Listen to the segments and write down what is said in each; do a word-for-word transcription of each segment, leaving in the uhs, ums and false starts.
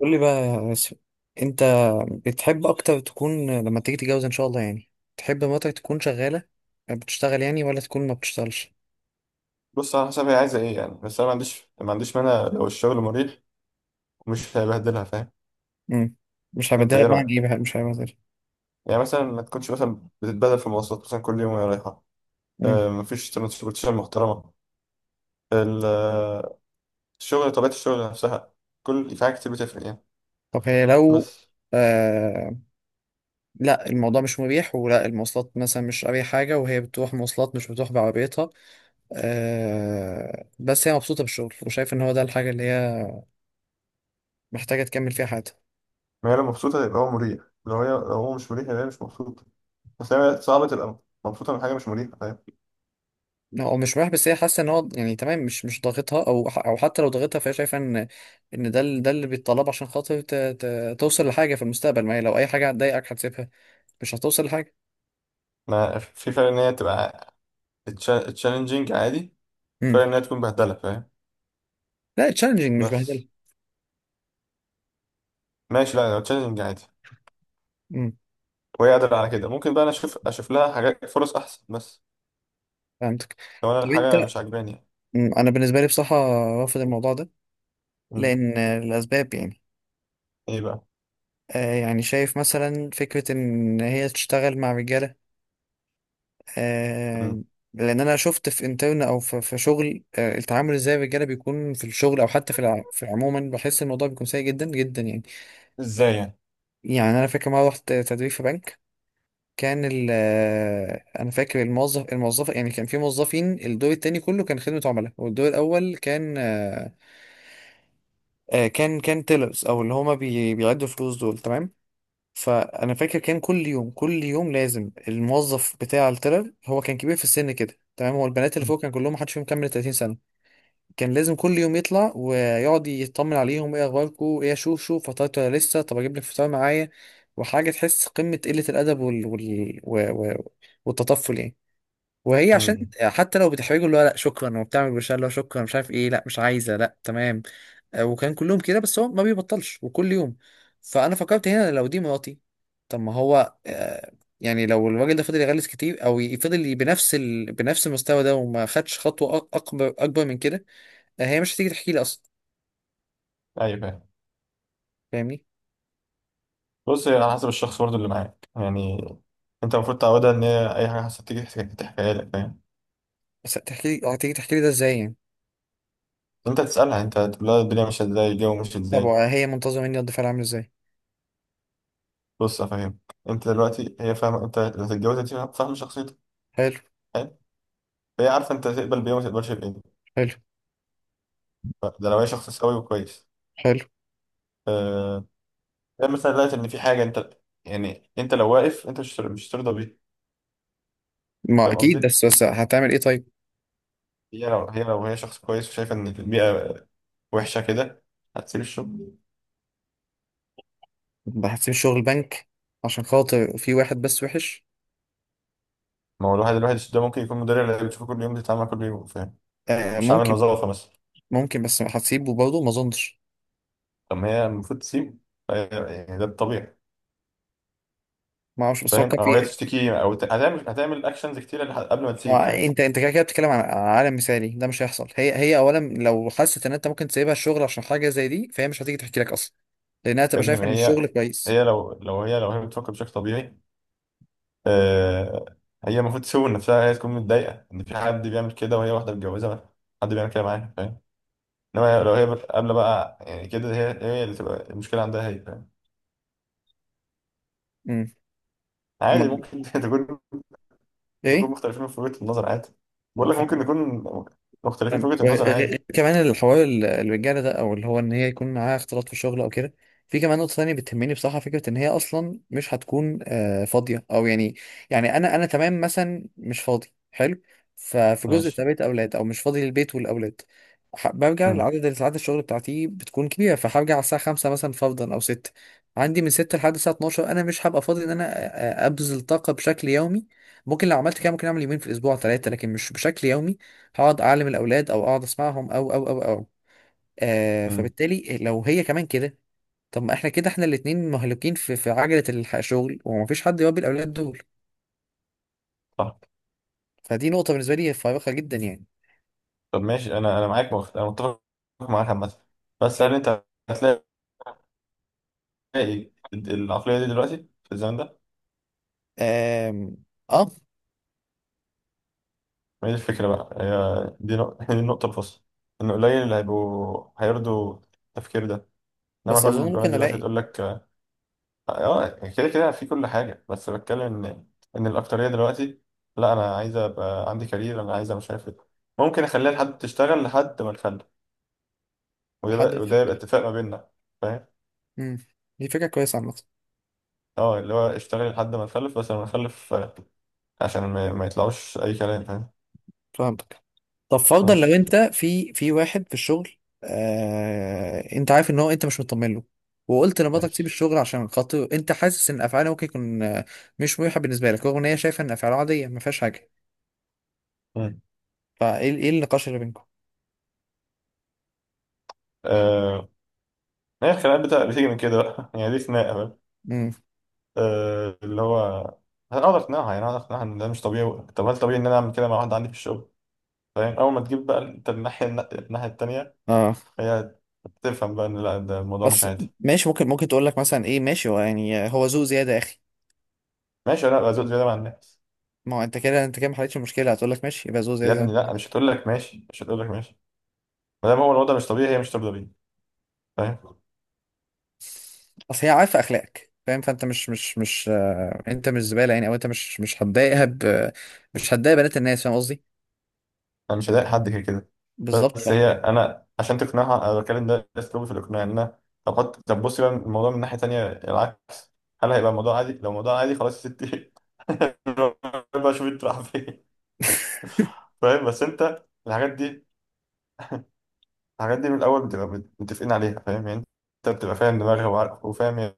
قول لي بقى يا ياسر، انت بتحب اكتر تكون لما تيجي تتجوز ان شاء الله يعني؟ تحب مراتك تكون شغاله بتشتغل يعني، ولا تكون ما بتشتغلش؟ بص، على حسب هي عايزه ايه يعني. بس انا ما عنديش ما عنديش مانع لو الشغل مريح ومش هيبهدلها، فاهم؟ امم مش انت هبدلها ايه رايك؟ بمعنى ايه بقى مش هبدلها؟ يعني مثلا ما تكونش مثلا بتتبهدل في المواصلات مثلا كل يوم وهي رايحه. امم آه، مفيش ترانسبورتيشن محترمه. ال- آه، الشغل، طبيعه الشغل نفسها، كل في حاجات كتير بتفرق يعني. طب هي لو بس آه. لا، الموضوع مش مريح، ولا المواصلات مثلا، مش أي حاجه وهي بتروح مواصلات مش بتروح بعربيتها. آه، بس هي مبسوطه بالشغل وشايف ان هو ده الحاجه اللي هي محتاجه تكمل فيها حياتها. ما هي لو مبسوطه يبقى هو مريح. لو هي لو هو مش مريح يبقى هي مش مبسوطه. بس هي صعبه تبقى مبسوطه من حاجه مش مريحه، فاهم؟ لا، هو مش مريح بس هي حاسه ان هو يعني تمام، مش مش ضاغطها، او ح- او حتى لو ضاغطها فهي شايفه ان ان ده ال- ده اللي بيتطلب عشان خاطر ت... ت... توصل لحاجه في المستقبل. ما هي لو اي حاجه هتضايقك هتسيبها مش هتوصل لحاجه. ما في فرق ان هي تبقى تشالنجينج، عادي. فرق امم ان هي تكون بهدله، فاهم؟ لا، تشالنجينج مش بهدله. بس. ماشي، لا لو تشالنجينج عادي امم وهي قادرة على كده ممكن بقى أنا أشوف أشوف لها حاجات، فرص أحسن. بس فهمتك. لو أنا طب الحاجة انت؟ مش عاجباني يعني. مم، انا بالنسبه لي بصراحه رافض الموضوع ده. مم. لان الاسباب يعني، إيه بقى؟ آه يعني شايف مثلا فكره ان هي تشتغل مع رجاله. آه، مم. لان انا شفت في انترن او في في شغل، آه، التعامل ازاي الرجاله بيكون في الشغل، او حتى في الع- في عموما، بحس الموضوع بيكون سيء جدا جدا يعني. إزاي يعني؟ يعني انا فاكر مره رحت تدريب في بنك. كان ال آه، انا فاكر الموظف الموظفه يعني، كان في موظفين الدور التاني كله كان خدمه عملاء، والدور الاول كان آه، آه، كان كان تيلرز، او اللي هما بي- بيعدوا فلوس دول تمام. فانا فاكر كان كل يوم كل يوم لازم الموظف بتاع التلر، هو كان كبير في السن كده تمام، هو البنات اللي مم. فوق كان كلهم محدش فيهم كمل ثلاثين سنه. كان لازم كل يوم يطلع ويقعد يطمن عليهم، ايه اخباركم، ايه، شوف شوف فطرت ولا لسه، طب اجيب لك فطار معايا. وحاجه تحس قمه قله الادب وال... وال... و... و... والتطفل يعني. وهي عشان مم. حتى لو بتحرجه اللي هو لا شكرا، وبتعمل بشار اللي هو شكرا مش عارف ايه، لا مش عايزه لا تمام. آه، وكان كلهم كده بس هو ما بيبطلش وكل يوم. فانا فكرت هنا لو دي مراتي، طب ما هو آه، يعني لو الراجل ده فضل يغلس كتير او يفضل ي- بنفس ال... بنفس المستوى ده وما خدش خطوه أك- اكبر اكبر من كده، آه، هي مش هتيجي تحكي لي اصلا. أيوه فاهم. فاهمني؟ بص، هي على حسب الشخص برضه اللي معاك يعني. أنت المفروض تعودها إن هي أي حاجة حصلت تيجي تحكي- تحكيها لك، فاهم؟ بس هتحكي لي؟ هتيجي تحكي لي ده ازاي يعني؟ أنت تسألها، أنت تقول لها الدنيا ماشية إزاي، الجو ماشي طب إزاي. آه، هي منتظره مني رد فعل عامل ازاي؟ بص أفهم، أنت دلوقتي هي فاهمة أنت اللي هتتجوزها، دي فاهمة فاهمة شخصيتك، حلو. فاهم؟ فهي عارفة أنت تقبل بإيه وما تقبلش بإيه. حلو. ده لو هي شخص سوي وكويس. حلو. آه، ده مثلا دلوقتي ان في حاجه انت، يعني انت لو واقف انت مش مش ترضى بيها. ما فاهم اكيد، قصدي؟ بس بس هتعمل ايه طيب؟ هي لو هي لو هي شخص كويس وشايفه ان البيئه وحشه كده هتسيب الشغل. هتسيب الشغل بنك عشان خاطر في واحد بس وحش؟ ما هو الواحد الواحد ده ممكن يكون مدير اللي بتشوفه كل يوم، بتتعامل كل يوم، فاهم؟ آه مش عامل ممكن. نظافه مثلا. ممكن، بس هتسيبه برضه؟ ما اظنش. طب ما هي المفروض تسيب. فهي- يعني ده الطبيعي. ما اعرفش بس فاهم؟ فكر او هي في. تشتكي او ت- هتعمل هتعمل اكشنز كتير لح- قبل ما تسيب، ما- فاهم؟ انت انت كده كده بتتكلم عن عن عالم مثالي، ده مش هيحصل. هي هي اولا لو حست ان انت ممكن تسيبها الشغل عشان حاجه زي دي فهي مش هتيجي تحكي لك اصلا. لانها يا تبقى ابني شايفه ما ان الشغل هي، كويس. هي لو لو هي لو هي بتفكر بشكل طبيعي، آه، هي المفروض تسوي نفسها، هي تكون متضايقة إن في حد بيعمل كده وهي واحدة متجوزة بقى. حد بيعمل كده معاها، فاهم؟ إنما لو هي بت- قابلة بقى يعني كده، هي هي اللي تبقى المشكلة عندها هي، فاهم؟ امم عادي ما- ممكن تكون، نكون ايه، مختلفين في وجهة النظر، عادي. بقول لك ممكن نكون مختلفين في فاهمك. وجهة النظر، وغ- غ- عادي. كمان الحوار ال- الرجاله ده، او اللي هو ان هي يكون معاها اختلاط في الشغل او كده. في كمان نقطه ثانيه بتهمني بصراحه، فكره ان هي اصلا مش هتكون آه، فاضيه او يعني. يعني انا انا تمام مثلا مش فاضي. حلو. ففي جزء ماشي. تربيه اولاد، او مش فاضي للبيت والاولاد. ح- برجع امم لعدد ساعات الشغل بتاعتي بتكون كبيره، فهرجع على الساعه خمسه مثلا فرضا او سته. عندي من سته لحد الساعه اتناشر انا مش هبقى فاضي ان انا آه، آه، ابذل طاقه بشكل يومي. ممكن لو عملت كده، ممكن اعمل يومين في الاسبوع ثلاثه، لكن مش بشكل يومي هقعد اعلم الاولاد او اقعد اسمعهم او او او او. آه، امم فبالتالي لو هي كمان كده، طب ما احنا كده احنا الاتنين مهلوكين في في عجلة الح- الشغل، ومفيش حد يربي الاولاد دول. صح. فدي نقطة بالنسبة لي فارقة جدا يعني. طب ماشي، أنا أنا معاك، مخ... أنا متفق معاك عامة. بس هل حلو. أنت هتلاقي العقلية دي دلوقتي، في الزمن ده؟ آم، اه، ما هي دي الفكرة بقى، هي دي نق... دي النقطة الفاصلة. إن قليل اللي هيبقوا هيرضوا التفكير ده. إنما بس كل اظن البنات ممكن دلوقتي الاقي هتقول لك، آه، كده كده، في كل حاجة. بس بتكلم إن إن الأكترية دلوقتي، لا أنا عايزة أبقى عندي كارير، أنا عايزة مش عارف إيه. ممكن أخليها لحد تشتغل لحد ما نخلف، حد ويبقى وده يبقى يفكر. اتفاق ما بيننا، فاهم؟ امم دي فكرة كويسة عامة. اه، اللي هو اشتغل لحد ما نخلف، بس لما نخلف آه، عشان ما, ما يطلعوش أي كلام، فاهم؟ فهمتك. طب فرضا لو خلاص. انت في في واحد في الشغل، آه انت عارف ان هو انت مش مطمن له، وقلت لمراتك تسيب ماشي. الشغل عشان خاطر انت حاسس ان افعاله ممكن يكون آه، مش مريحه بالنسبه لك، رغم ان هي شايفه ان افعاله عاديه ما فيهاش حاجه، مم. فايه ايه النقاش اللي بينكم؟ آه، هي الخناقات بتاع- بتيجي من كده بقى يعني، دي خناقة. امم آه، اللي هو، هقدر اقنعها يعني، هقدر اقنعها ان ده مش طبيعي. طب هل طبيعي ان انا اعمل كده مع واحد عندي في الشغل؟ فاهم؟ اول ما تجيب بقى انت الناحيه، الناحيه التانيه، اه. هي تفهم بقى ان لا، ده الموضوع مش بس عادي. ماشي، ممكن ممكن تقول لك مثلا ايه، ماشي هو يعني هو ذوق زياده يا اخي. ماشي، انا ابقى زود زياده مع الناس. ما هو انت كده انت كده ما حلتش المشكله، هتقول لك ماشي يبقى ذوق يا زياده. ابني لا، مش هتقول لك ماشي، مش هتقول لك ماشي. ما دام هو الوضع مش طبيعي، هي مش طبيعي بيه، فاهم؟ اصل هي عارفه اخلاقك فاهم، فانت مش مش مش آه، انت مش زباله يعني، او انت مش مش هتضايقها ب... مش هتضايق بنات الناس، فاهم قصدي. انا مش هضايق حد كده كده. بالظبط ف... بس هي، انا عشان تقنعها انا بتكلم، ده ده اسلوبي في الاقناع، ان انا، طب حط، طب بصي بقى الموضوع من ناحيه تانيه، العكس. هل هيبقى الموضوع عادي؟ لو الموضوع عادي خلاص يا ستي بقى شوف انت رايح فين. فاهم؟ بس انت الحاجات دي، الحاجات دي من الاول بتبقى بت- متفقين عليها، فاهم يعني؟ انت بتبقى فاهم دماغها وعارف وفاهم هي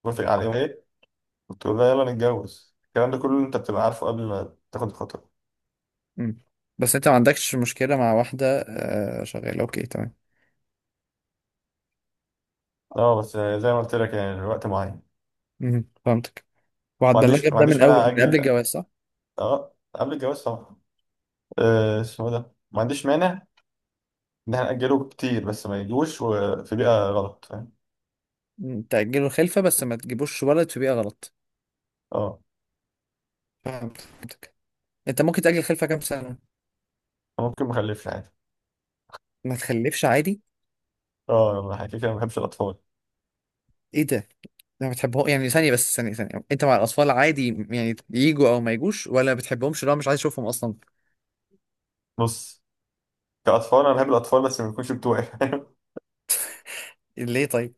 بتوافق على ايه وايه، وتقول لها يلا نتجوز. الكلام ده كله انت بتبقى عارفه قبل ما تاخد الخطوه. مم. بس انت ما عندكش مشكله مع واحده آه، شغاله اوكي تمام. اه بس زي ما قلت لك، يعني الوقت معين. مم. فهمتك. ما وهتبلغك عنديش ما ده من عنديش اول مانع من قبل اجل. الجواز صح؟ اه قبل الجواز طبعا. آه، اسمه ايه ده، ما عنديش مانع ان احنا ناجله كتير، بس ما يجوش وفي بيئه غلط، فاهم؟ مم. تاجلوا الخلفه بس ما تجيبوش ولد في بيئه غلط. اه، فهمتك. انت ممكن تاجل الخلفه كام سنه؟ ممكن ما اخلفش عادي. ما تخلفش عادي؟ اه، يلا، كده كده ما بحبش الاطفال. ايه ده؟ لا بتحبهم يعني؟ ثانية، بس ثانية ثانية، انت مع الأطفال عادي يعني يجوا أو ما يجوش، ولا بتحبهمش لو مش عايز أشوفهم أصلا؟ بص، كأطفال أنا بحب الأطفال بس ما يكونش بتوعي، فاهم؟ ليه طيب؟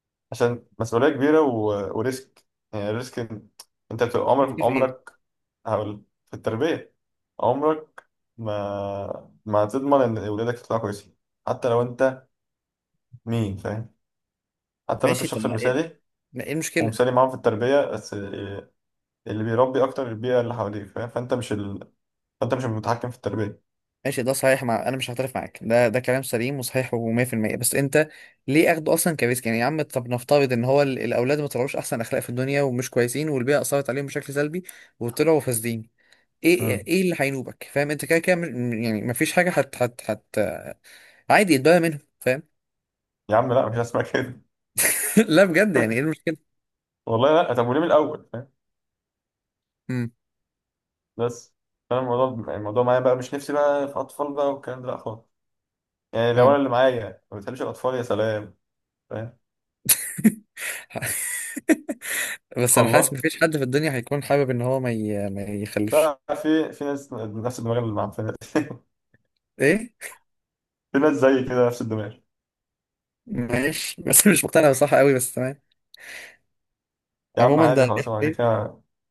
عشان مسؤولية كبيرة و... وريسك. يعني الريسك إن- أنت بتبقى ممكن، عمرك، في إيه؟ عمرك، هقول، في التربية، عمرك ما ما هتضمن إن ولادك يطلعوا كويسين. حتى لو أنت، مين، فاهم؟ حتى لو أنت ماشي، طب الشخص ما إيه، المثالي ما إيه المشكلة؟ ومثالي معاهم في التربية، بس اللي بيربي أكتر البيئة اللي حواليك، فاهم؟ فأنت مش ال... فأنت مش المتحكم في التربية. ماشي ده صحيح، مع أنا مش هعترف معاك، ده ده كلام سليم وصحيح و100%، بس أنت ليه أخده أصلا كريسك يعني يا عم؟ طب نفترض إن هو ال- الأولاد ما طلعوش أحسن أخلاق في الدنيا ومش كويسين والبيئة أثرت عليهم بشكل سلبي وطلعوا فاسدين، إيه مم. إيه اللي هينوبك؟ فاهم أنت كده كده م- يعني ما فيش حاجة هت هت هت عادي يتبرى منهم، فاهم؟ يا عم لا، مش هسمع كده. لا بجد، يعني إيه المشكلة؟ والله لا، طب وليه من الأول، فاهم؟ امم بس انا، الموضوع، الموضوع معايا بقى مش نفسي بقى في اطفال بقى والكلام ده، لا خالص. يعني لو انا اللي معايا ما بتحبش الاطفال، يا سلام، فاهم؟ بس انا حاسس والله مفيش حد في الدنيا هيكون حابب ان هو ما ي... ما يخلفش. لا، في في ناس نفس الدماغ اللي مع، في ناس ايه؟ في ناس زي كده نفس الدماغ. ماشي بس مش مقتنع بصح قوي، بس تمام. يا عم عموما ده عادي دي خلاص، انا كده كده. حقيقة.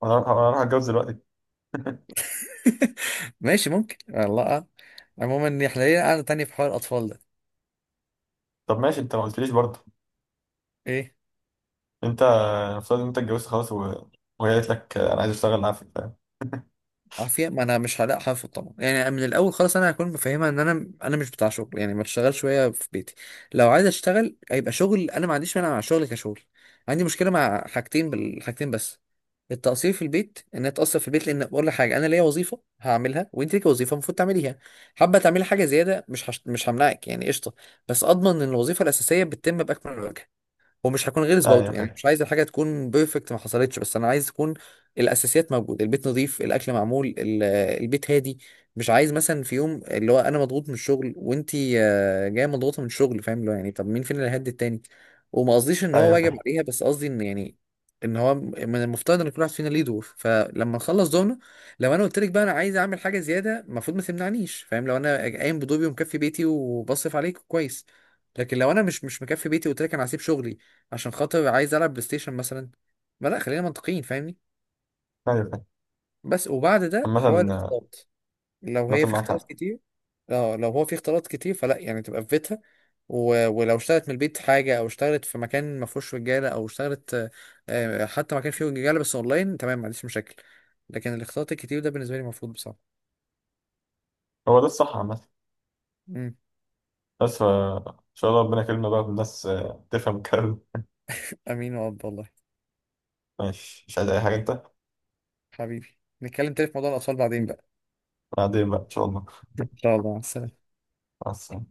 انا هروح أنا هروح اتجوز دلوقتي. ماشي ممكن والله، آه. عموما دي حلقية قاعدة تانية في حوار الأطفال ده. طب ماشي انت ما قلتليش برضه. ايه؟ انت افترض ان انت اتجوزت خلاص و... وهي قالت لك انا عايز اشتغل معاك، فاهم؟ عافية. ما انا مش هلاقي حافظ طبعا يعني. من الاول خالص انا هكون مفهمها ان انا انا مش بتاع شغل يعني، ما تشتغل شوية في بيتي. لو عايز اشتغل هيبقى شغل، انا ما عنديش مانع مع الشغل كشغل. عندي مشكلة مع حاجتين، بالحاجتين بس. التقصير في البيت، ان اتقصر في البيت، لان بقول لك حاجه، انا ليا وظيفه هعملها وانت ليكي وظيفه المفروض تعمليها. حابه تعملي حاجه زياده مش هش... مش همنعك يعني قشطه. بس اضمن ان الوظيفه الاساسيه بتتم باكمل وجه. ومش هكون غلس برضه ايوه يعني، فاهم. مش عايز الحاجه تكون بيرفكت، ما حصلتش، بس انا عايز تكون الاساسيات موجوده، البيت نظيف، الاكل معمول، ال- البيت هادي. مش عايز مثلا في يوم اللي هو انا مضغوط من الشغل، وانتي آه، جايه مضغوطه من الشغل، فاهم اللي هو يعني طب مين فينا اللي هيهدي التاني؟ وما قصديش ان هو ايوه واجب فاهم. عليها، بس قصدي ان يعني ان هو من المفترض ان كل واحد فينا ليه دور، فلما نخلص دورنا، لو انا قلت لك بقى انا عايز اعمل حاجه زياده المفروض ما تمنعنيش، فاهم؟ لو انا قايم بدوري ومكفي بيتي وبصرف عليك كويس. لكن لو انا مش مش مكفي بيتي وقلت لك انا هسيب شغلي عشان خاطر عايز العب بلاي ستيشن مثلا، ما لا خلينا منطقيين فاهمني. ايوه فاهم. بس وبعد ده عامة. حوار الاختلاط. لو عامة هي في معاك اختلاط حق. كتير، اه لو هو في اختلاط كتير فلا يعني، تبقى في بيتها. و... ولو اشتغلت من البيت حاجة، أو اشتغلت في مكان ما فيهوش رجالة، أو اشتغلت آه، آه، حتى مكان فيه رجالة بس أونلاين، تمام، ما عنديش مشاكل. لكن الاختلاط الكتير ده بالنسبة لي مرفوض بصراحة. هو ده الصح عامة. مم. بس ف- ان شاء الله ربنا يكرمنا بقى بالناس، آه، تفهم الكلام ده. أمين وأب والله. ماشي، مش عايز اي حاجه انت. حبيبي، نتكلم تاني في موضوع الأطفال بعدين بقى. بعدين بقى ان شاء الله. إن شاء الله، مع السلامة. مع السلامه.